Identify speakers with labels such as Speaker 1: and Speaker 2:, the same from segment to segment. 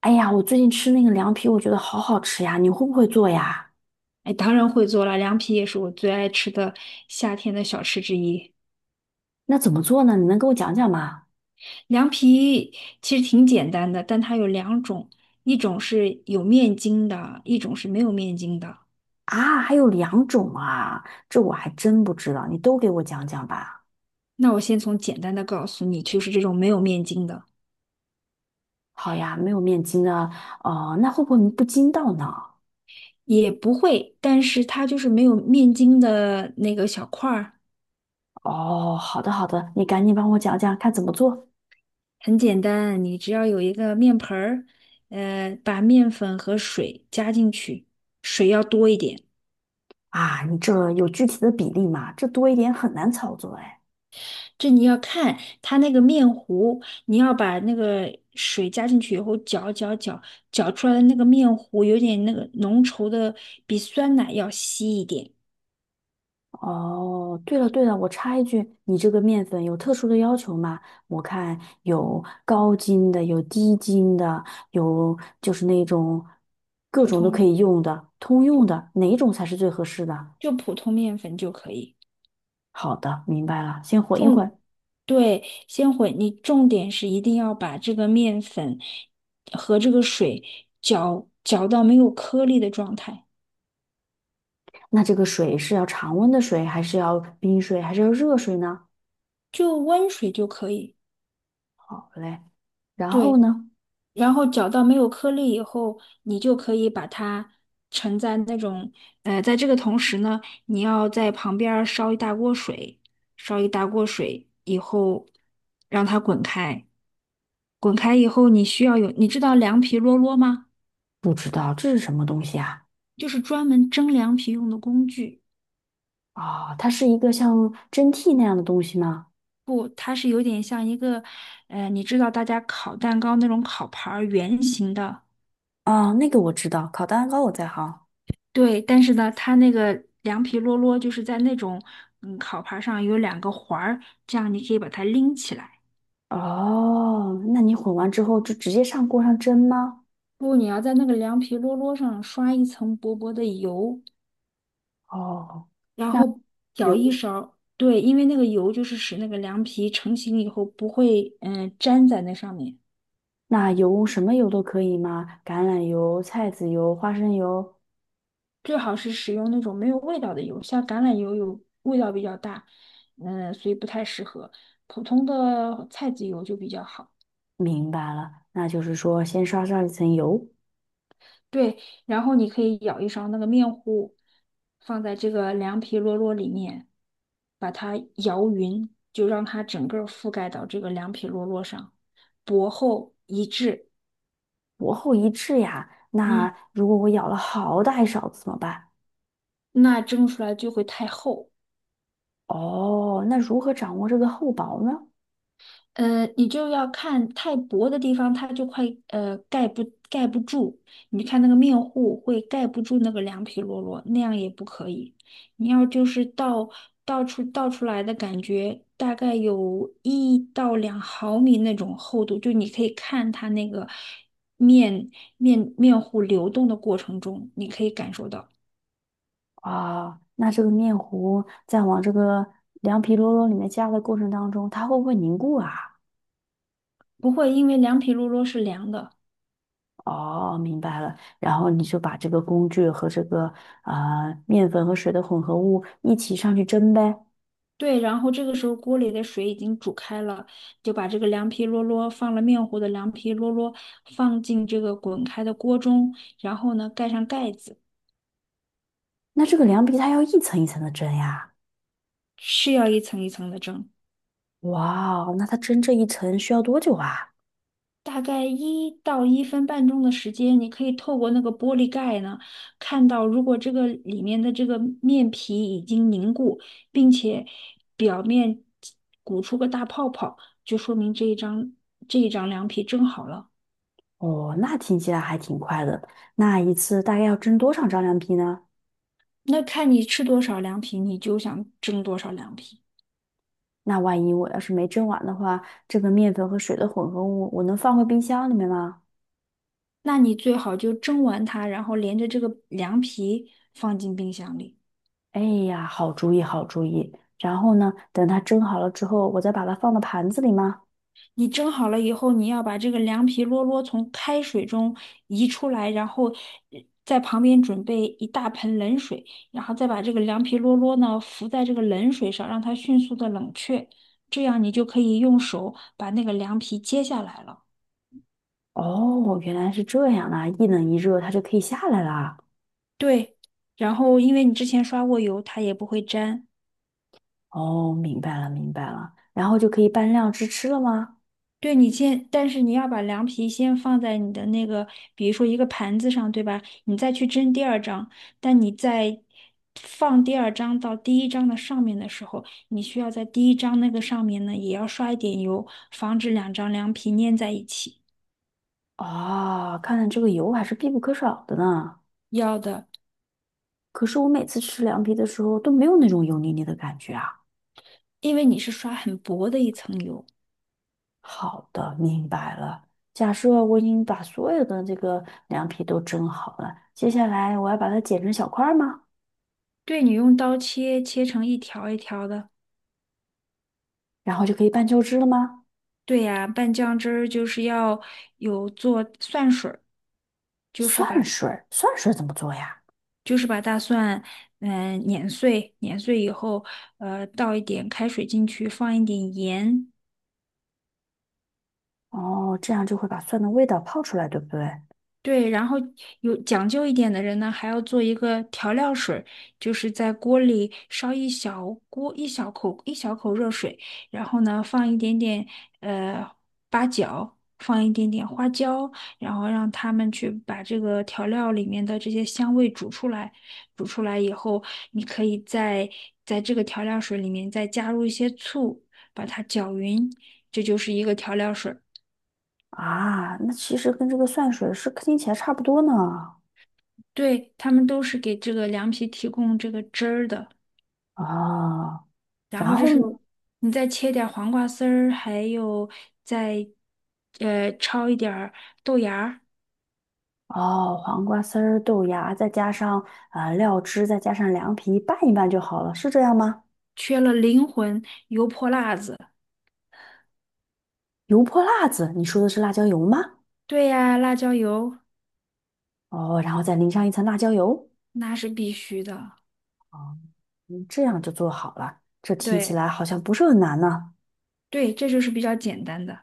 Speaker 1: 哎呀，我最近吃那个凉皮，我觉得好好吃呀，你会不会做呀？
Speaker 2: 哎，当然会做了，凉皮也是我最爱吃的夏天的小吃之一。
Speaker 1: 那怎么做呢？你能给我讲讲吗？
Speaker 2: 凉皮其实挺简单的，但它有两种，一种是有面筋的，一种是没有面筋的。
Speaker 1: 啊，还有两种啊，这我还真不知道，你都给我讲讲吧。
Speaker 2: 那我先从简单的告诉你，就是这种没有面筋的。
Speaker 1: 好呀，没有面筋呢，哦、那会不会不筋道呢？
Speaker 2: 也不会，但是它就是没有面筋的那个小块儿。
Speaker 1: 哦，好的好的，你赶紧帮我讲讲看怎么做。
Speaker 2: 很简单，你只要有一个面盆儿，把面粉和水加进去，水要多一点。
Speaker 1: 啊？你这有具体的比例吗？这多一点很难操作哎。
Speaker 2: 这你要看它那个面糊，你要把那个水加进去以后搅搅搅，搅出来的那个面糊有点那个浓稠的，比酸奶要稀一点。
Speaker 1: 哦，对了对了，我插一句，你这个面粉有特殊的要求吗？我看有高筋的，有低筋的，有就是那种各
Speaker 2: 普
Speaker 1: 种都可
Speaker 2: 通
Speaker 1: 以用的，通用的，哪一种才是最合适的？
Speaker 2: 就普通面粉就可以。
Speaker 1: 好的，明白了，先混一混。
Speaker 2: 对，先混，你重点是一定要把这个面粉和这个水搅到没有颗粒的状态，
Speaker 1: 那这个水是要常温的水，还是要冰水，还是要热水呢？
Speaker 2: 就温水就可以。
Speaker 1: 好嘞，然后
Speaker 2: 对，
Speaker 1: 呢？
Speaker 2: 然后搅到没有颗粒以后，你就可以把它盛在那种，在这个同时呢，你要在旁边儿烧一大锅水，烧一大锅水以后，让它滚开，滚开以后，你需要有，你知道凉皮啰啰吗？
Speaker 1: 不知道这是什么东西啊？
Speaker 2: 就是专门蒸凉皮用的工具。
Speaker 1: 哦，它是一个像蒸屉那样的东西吗？
Speaker 2: 不，它是有点像一个，你知道大家烤蛋糕那种烤盘儿圆形的。
Speaker 1: 啊、那个我知道，烤蛋糕我在行。
Speaker 2: 对，但是呢，它那个凉皮啰啰就是在那种烤盘儿上有两个环儿，这样你可以把它拎起来。
Speaker 1: 哦，那你混完之后就直接上锅上蒸吗？
Speaker 2: 不，你要在那个凉皮啰啰上刷一层薄薄的油，
Speaker 1: 哦，
Speaker 2: 然后舀
Speaker 1: 油，
Speaker 2: 一勺。对，因为那个油就是使那个凉皮成型以后不会粘在那上面。
Speaker 1: 那油什么油都可以吗？橄榄油、菜籽油、花生油。
Speaker 2: 最好是使用那种没有味道的油，像橄榄油有味道比较大，所以不太适合。普通的菜籽油就比较好。
Speaker 1: 明白了，那就是说先刷上一层油，
Speaker 2: 对，然后你可以舀一勺那个面糊，放在这个凉皮摞摞里面，把它摇匀，就让它整个儿覆盖到这个凉皮摞摞上，薄厚一致。
Speaker 1: 薄厚一致呀。
Speaker 2: 嗯，
Speaker 1: 那如果我舀了好大一勺子怎么办？
Speaker 2: 那蒸出来就会太厚。
Speaker 1: 哦，那如何掌握这个厚薄呢？
Speaker 2: 你就要看太薄的地方，它就快盖不住。你看那个面糊会盖不住那个凉皮罗罗，那样也不可以。你要就是倒出来的感觉，大概有1到2毫米那种厚度，就你可以看它那个面面糊流动的过程中，你可以感受到。
Speaker 1: 啊，那这个面糊在往这个凉皮啰啰里面加的过程当中，它会不会凝固啊？
Speaker 2: 不会因为凉皮罗罗是凉的。
Speaker 1: 哦，明白了。然后你就把这个工具和这个面粉和水的混合物一起上去蒸呗。
Speaker 2: 对，然后这个时候锅里的水已经煮开了，就把这个凉皮啰啰放了面糊的凉皮啰啰放进这个滚开的锅中，然后呢盖上盖子。
Speaker 1: 那这个凉皮它要一层一层的蒸呀。
Speaker 2: 是要一层一层的蒸。
Speaker 1: 哇哦，那它蒸这一层需要多久啊？
Speaker 2: 大概1到1分半钟的时间，你可以透过那个玻璃盖呢，看到如果这个里面的这个面皮已经凝固，并且表面鼓出个大泡泡，就说明这一张凉皮蒸好了。
Speaker 1: 哦，那听起来还挺快的。那一次大概要蒸多少张凉皮呢？
Speaker 2: 那看你吃多少凉皮，你就想蒸多少凉皮。
Speaker 1: 那万一我要是没蒸完的话，这个面粉和水的混合物我能放回冰箱里面吗？
Speaker 2: 那你最好就蒸完它，然后连着这个凉皮放进冰箱里。
Speaker 1: 哎呀，好主意，好主意。然后呢，等它蒸好了之后，我再把它放到盘子里吗？
Speaker 2: 你蒸好了以后，你要把这个凉皮啰啰从开水中移出来，然后呃在旁边准备一大盆冷水，然后再把这个凉皮啰啰呢浮在这个冷水上，让它迅速的冷却。这样你就可以用手把那个凉皮揭下来了。
Speaker 1: 哦，哦原来是这样啊！一冷一热，它就可以下来啦。
Speaker 2: 对，然后因为你之前刷过油，它也不会粘。
Speaker 1: 哦，明白了，明白了。然后就可以拌料汁吃了吗？
Speaker 2: 对你先，但是你要把凉皮先放在你的那个，比如说一个盘子上，对吧？你再去蒸第二张。但你在放第二张到第一张的上面的时候，你需要在第一张那个上面呢，也要刷一点油，防止两张凉皮粘在一起。
Speaker 1: 啊，看来这个油还是必不可少的呢。
Speaker 2: 要的。
Speaker 1: 可是我每次吃凉皮的时候都没有那种油腻腻的感觉啊。
Speaker 2: 因为你是刷很薄的一层油。
Speaker 1: 好的，明白了。假设我已经把所有的这个凉皮都蒸好了，接下来我要把它剪成小块儿吗？
Speaker 2: 对，你用刀切，切成一条一条的。
Speaker 1: 然后就可以拌酱汁了吗？
Speaker 2: 对呀，拌酱汁儿就是要有做蒜水儿，就是
Speaker 1: 蒜
Speaker 2: 把
Speaker 1: 水儿，蒜水儿怎么做呀？
Speaker 2: 就是把大蒜，碾碎，碾碎以后，倒一点开水进去，放一点盐。
Speaker 1: 哦，这样就会把蒜的味道泡出来，对不对？
Speaker 2: 对，然后有讲究一点的人呢，还要做一个调料水儿，就是在锅里烧一小锅一小口一小口热水，然后呢放一点点呃八角，放一点点花椒，然后让他们去把这个调料里面的这些香味煮出来。煮出来以后，你可以在这个调料水里面再加入一些醋，把它搅匀，这就是一个调料水。
Speaker 1: 啊，那其实跟这个蒜水是听起来差不多呢。
Speaker 2: 对，他们都是给这个凉皮提供这个汁儿的。
Speaker 1: 哦，
Speaker 2: 然
Speaker 1: 然
Speaker 2: 后这
Speaker 1: 后
Speaker 2: 是
Speaker 1: 呢？
Speaker 2: 你再切点儿黄瓜丝儿，还有再焯一点儿豆芽儿。
Speaker 1: 哦，黄瓜丝儿、豆芽，再加上啊料汁，再加上凉皮，拌一拌就好了，是这样吗？
Speaker 2: 缺了灵魂油泼辣子。
Speaker 1: 油泼辣子，你说的是辣椒油吗？
Speaker 2: 对呀，辣椒油
Speaker 1: 哦，然后再淋上一层辣椒油，
Speaker 2: 那是必须的。
Speaker 1: 哦嗯，这样就做好了。这听起
Speaker 2: 对，
Speaker 1: 来好像不是很难呢。
Speaker 2: 对，这就是比较简单的。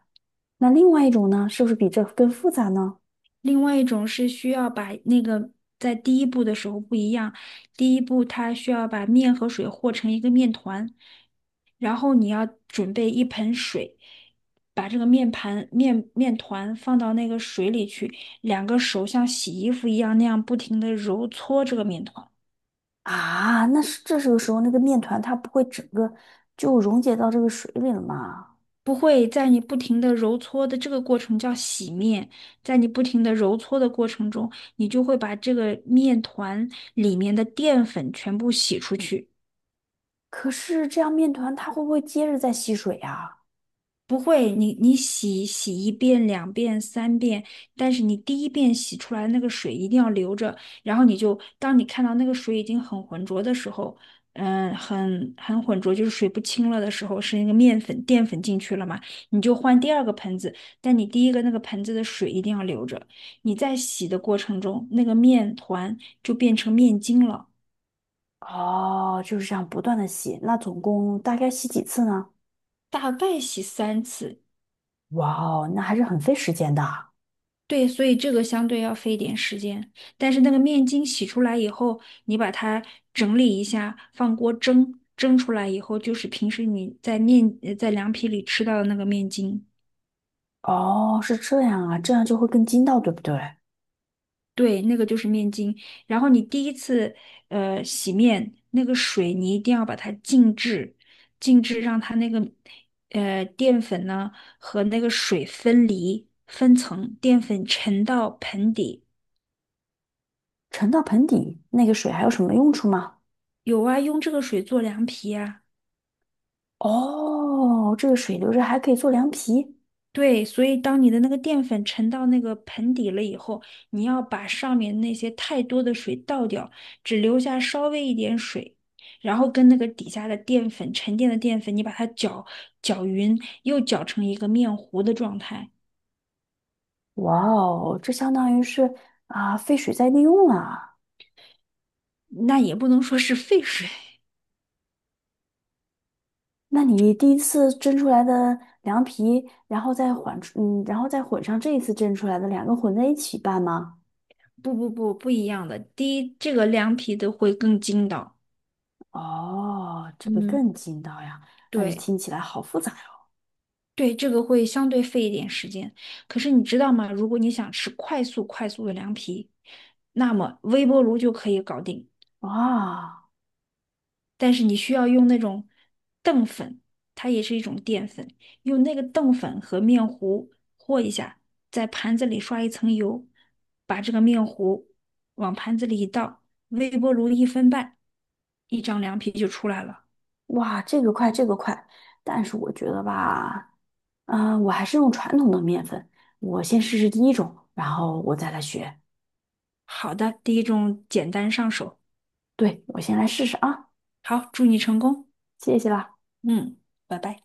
Speaker 1: 那另外一种呢，是不是比这更复杂呢？
Speaker 2: 另外一种是需要把那个在第一步的时候不一样，第一步它需要把面和水和成一个面团，然后你要准备一盆水，把这个面盘面面团放到那个水里去，两个手像洗衣服一样那样不停的揉搓这个面团。
Speaker 1: 啊，那是这时候那个面团它不会整个就溶解到这个水里了吗？
Speaker 2: 不会，在你不停的揉搓的这个过程叫洗面。在你不停的揉搓的过程中，你就会把这个面团里面的淀粉全部洗出去。
Speaker 1: 可是这样面团它会不会接着再吸水呀？
Speaker 2: 不会，你洗一遍、两遍、三遍，但是你第一遍洗出来那个水一定要留着，然后你就当你看到那个水已经很浑浊的时候，很浑浊，就是水不清了的时候，是那个面粉淀粉进去了嘛，你就换第二个盆子，但你第一个那个盆子的水一定要留着。你在洗的过程中，那个面团就变成面筋了。
Speaker 1: 哦，就是这样不断的吸，那总共大概吸几次呢？
Speaker 2: 大概洗三次。
Speaker 1: 哇哦，那还是很费时间的。
Speaker 2: 对，所以这个相对要费一点时间，但是那个面筋洗出来以后，你把它整理一下，放锅蒸，蒸出来以后就是平时你在凉皮里吃到的那个面筋。
Speaker 1: 哦，是这样啊，这样就会更筋道，对不对？
Speaker 2: 对，那个就是面筋。然后你第一次洗面，那个水你一定要把它静置，静置让它那个淀粉呢和那个水分离分层，淀粉沉到盆底。
Speaker 1: 沉到盆底，那个水还有什么用处吗？
Speaker 2: 有啊，用这个水做凉皮啊。
Speaker 1: 哦，这个水留着还可以做凉皮。
Speaker 2: 对，所以当你的那个淀粉沉到那个盆底了以后，你要把上面那些太多的水倒掉，只留下稍微一点水，然后跟那个底下的淀粉沉淀的淀粉，你把它搅匀，又搅成一个面糊的状态。
Speaker 1: 哇哦，这相当于是啊，废水再利用了啊。
Speaker 2: 那也不能说是沸水。
Speaker 1: 那你第一次蒸出来的凉皮，然后再混出嗯，然后再混上这一次蒸出来的，两个混在一起拌吗？
Speaker 2: 不，不，不，不一样的。第一，这个凉皮的会更筋道。
Speaker 1: 哦，这个
Speaker 2: 嗯，
Speaker 1: 更劲道呀，但是
Speaker 2: 对。
Speaker 1: 听起来好复杂哟。
Speaker 2: 对，这个会相对费一点时间。可是你知道吗？如果你想吃快速的凉皮，那么微波炉就可以搞定。
Speaker 1: 哇
Speaker 2: 但是你需要用那种淀粉，它也是一种淀粉，用那个淀粉和面糊和一下，在盘子里刷一层油，把这个面糊往盘子里一倒，微波炉一分半，一张凉皮就出来了。
Speaker 1: 哇，这个快，这个快，但是我觉得吧，啊，我还是用传统的面粉，我先试试第一种，然后我再来学。
Speaker 2: 好的，第一种简单上手。
Speaker 1: 对，我先来试试啊，
Speaker 2: 好，祝你成功。
Speaker 1: 谢谢啦。
Speaker 2: 嗯，拜拜。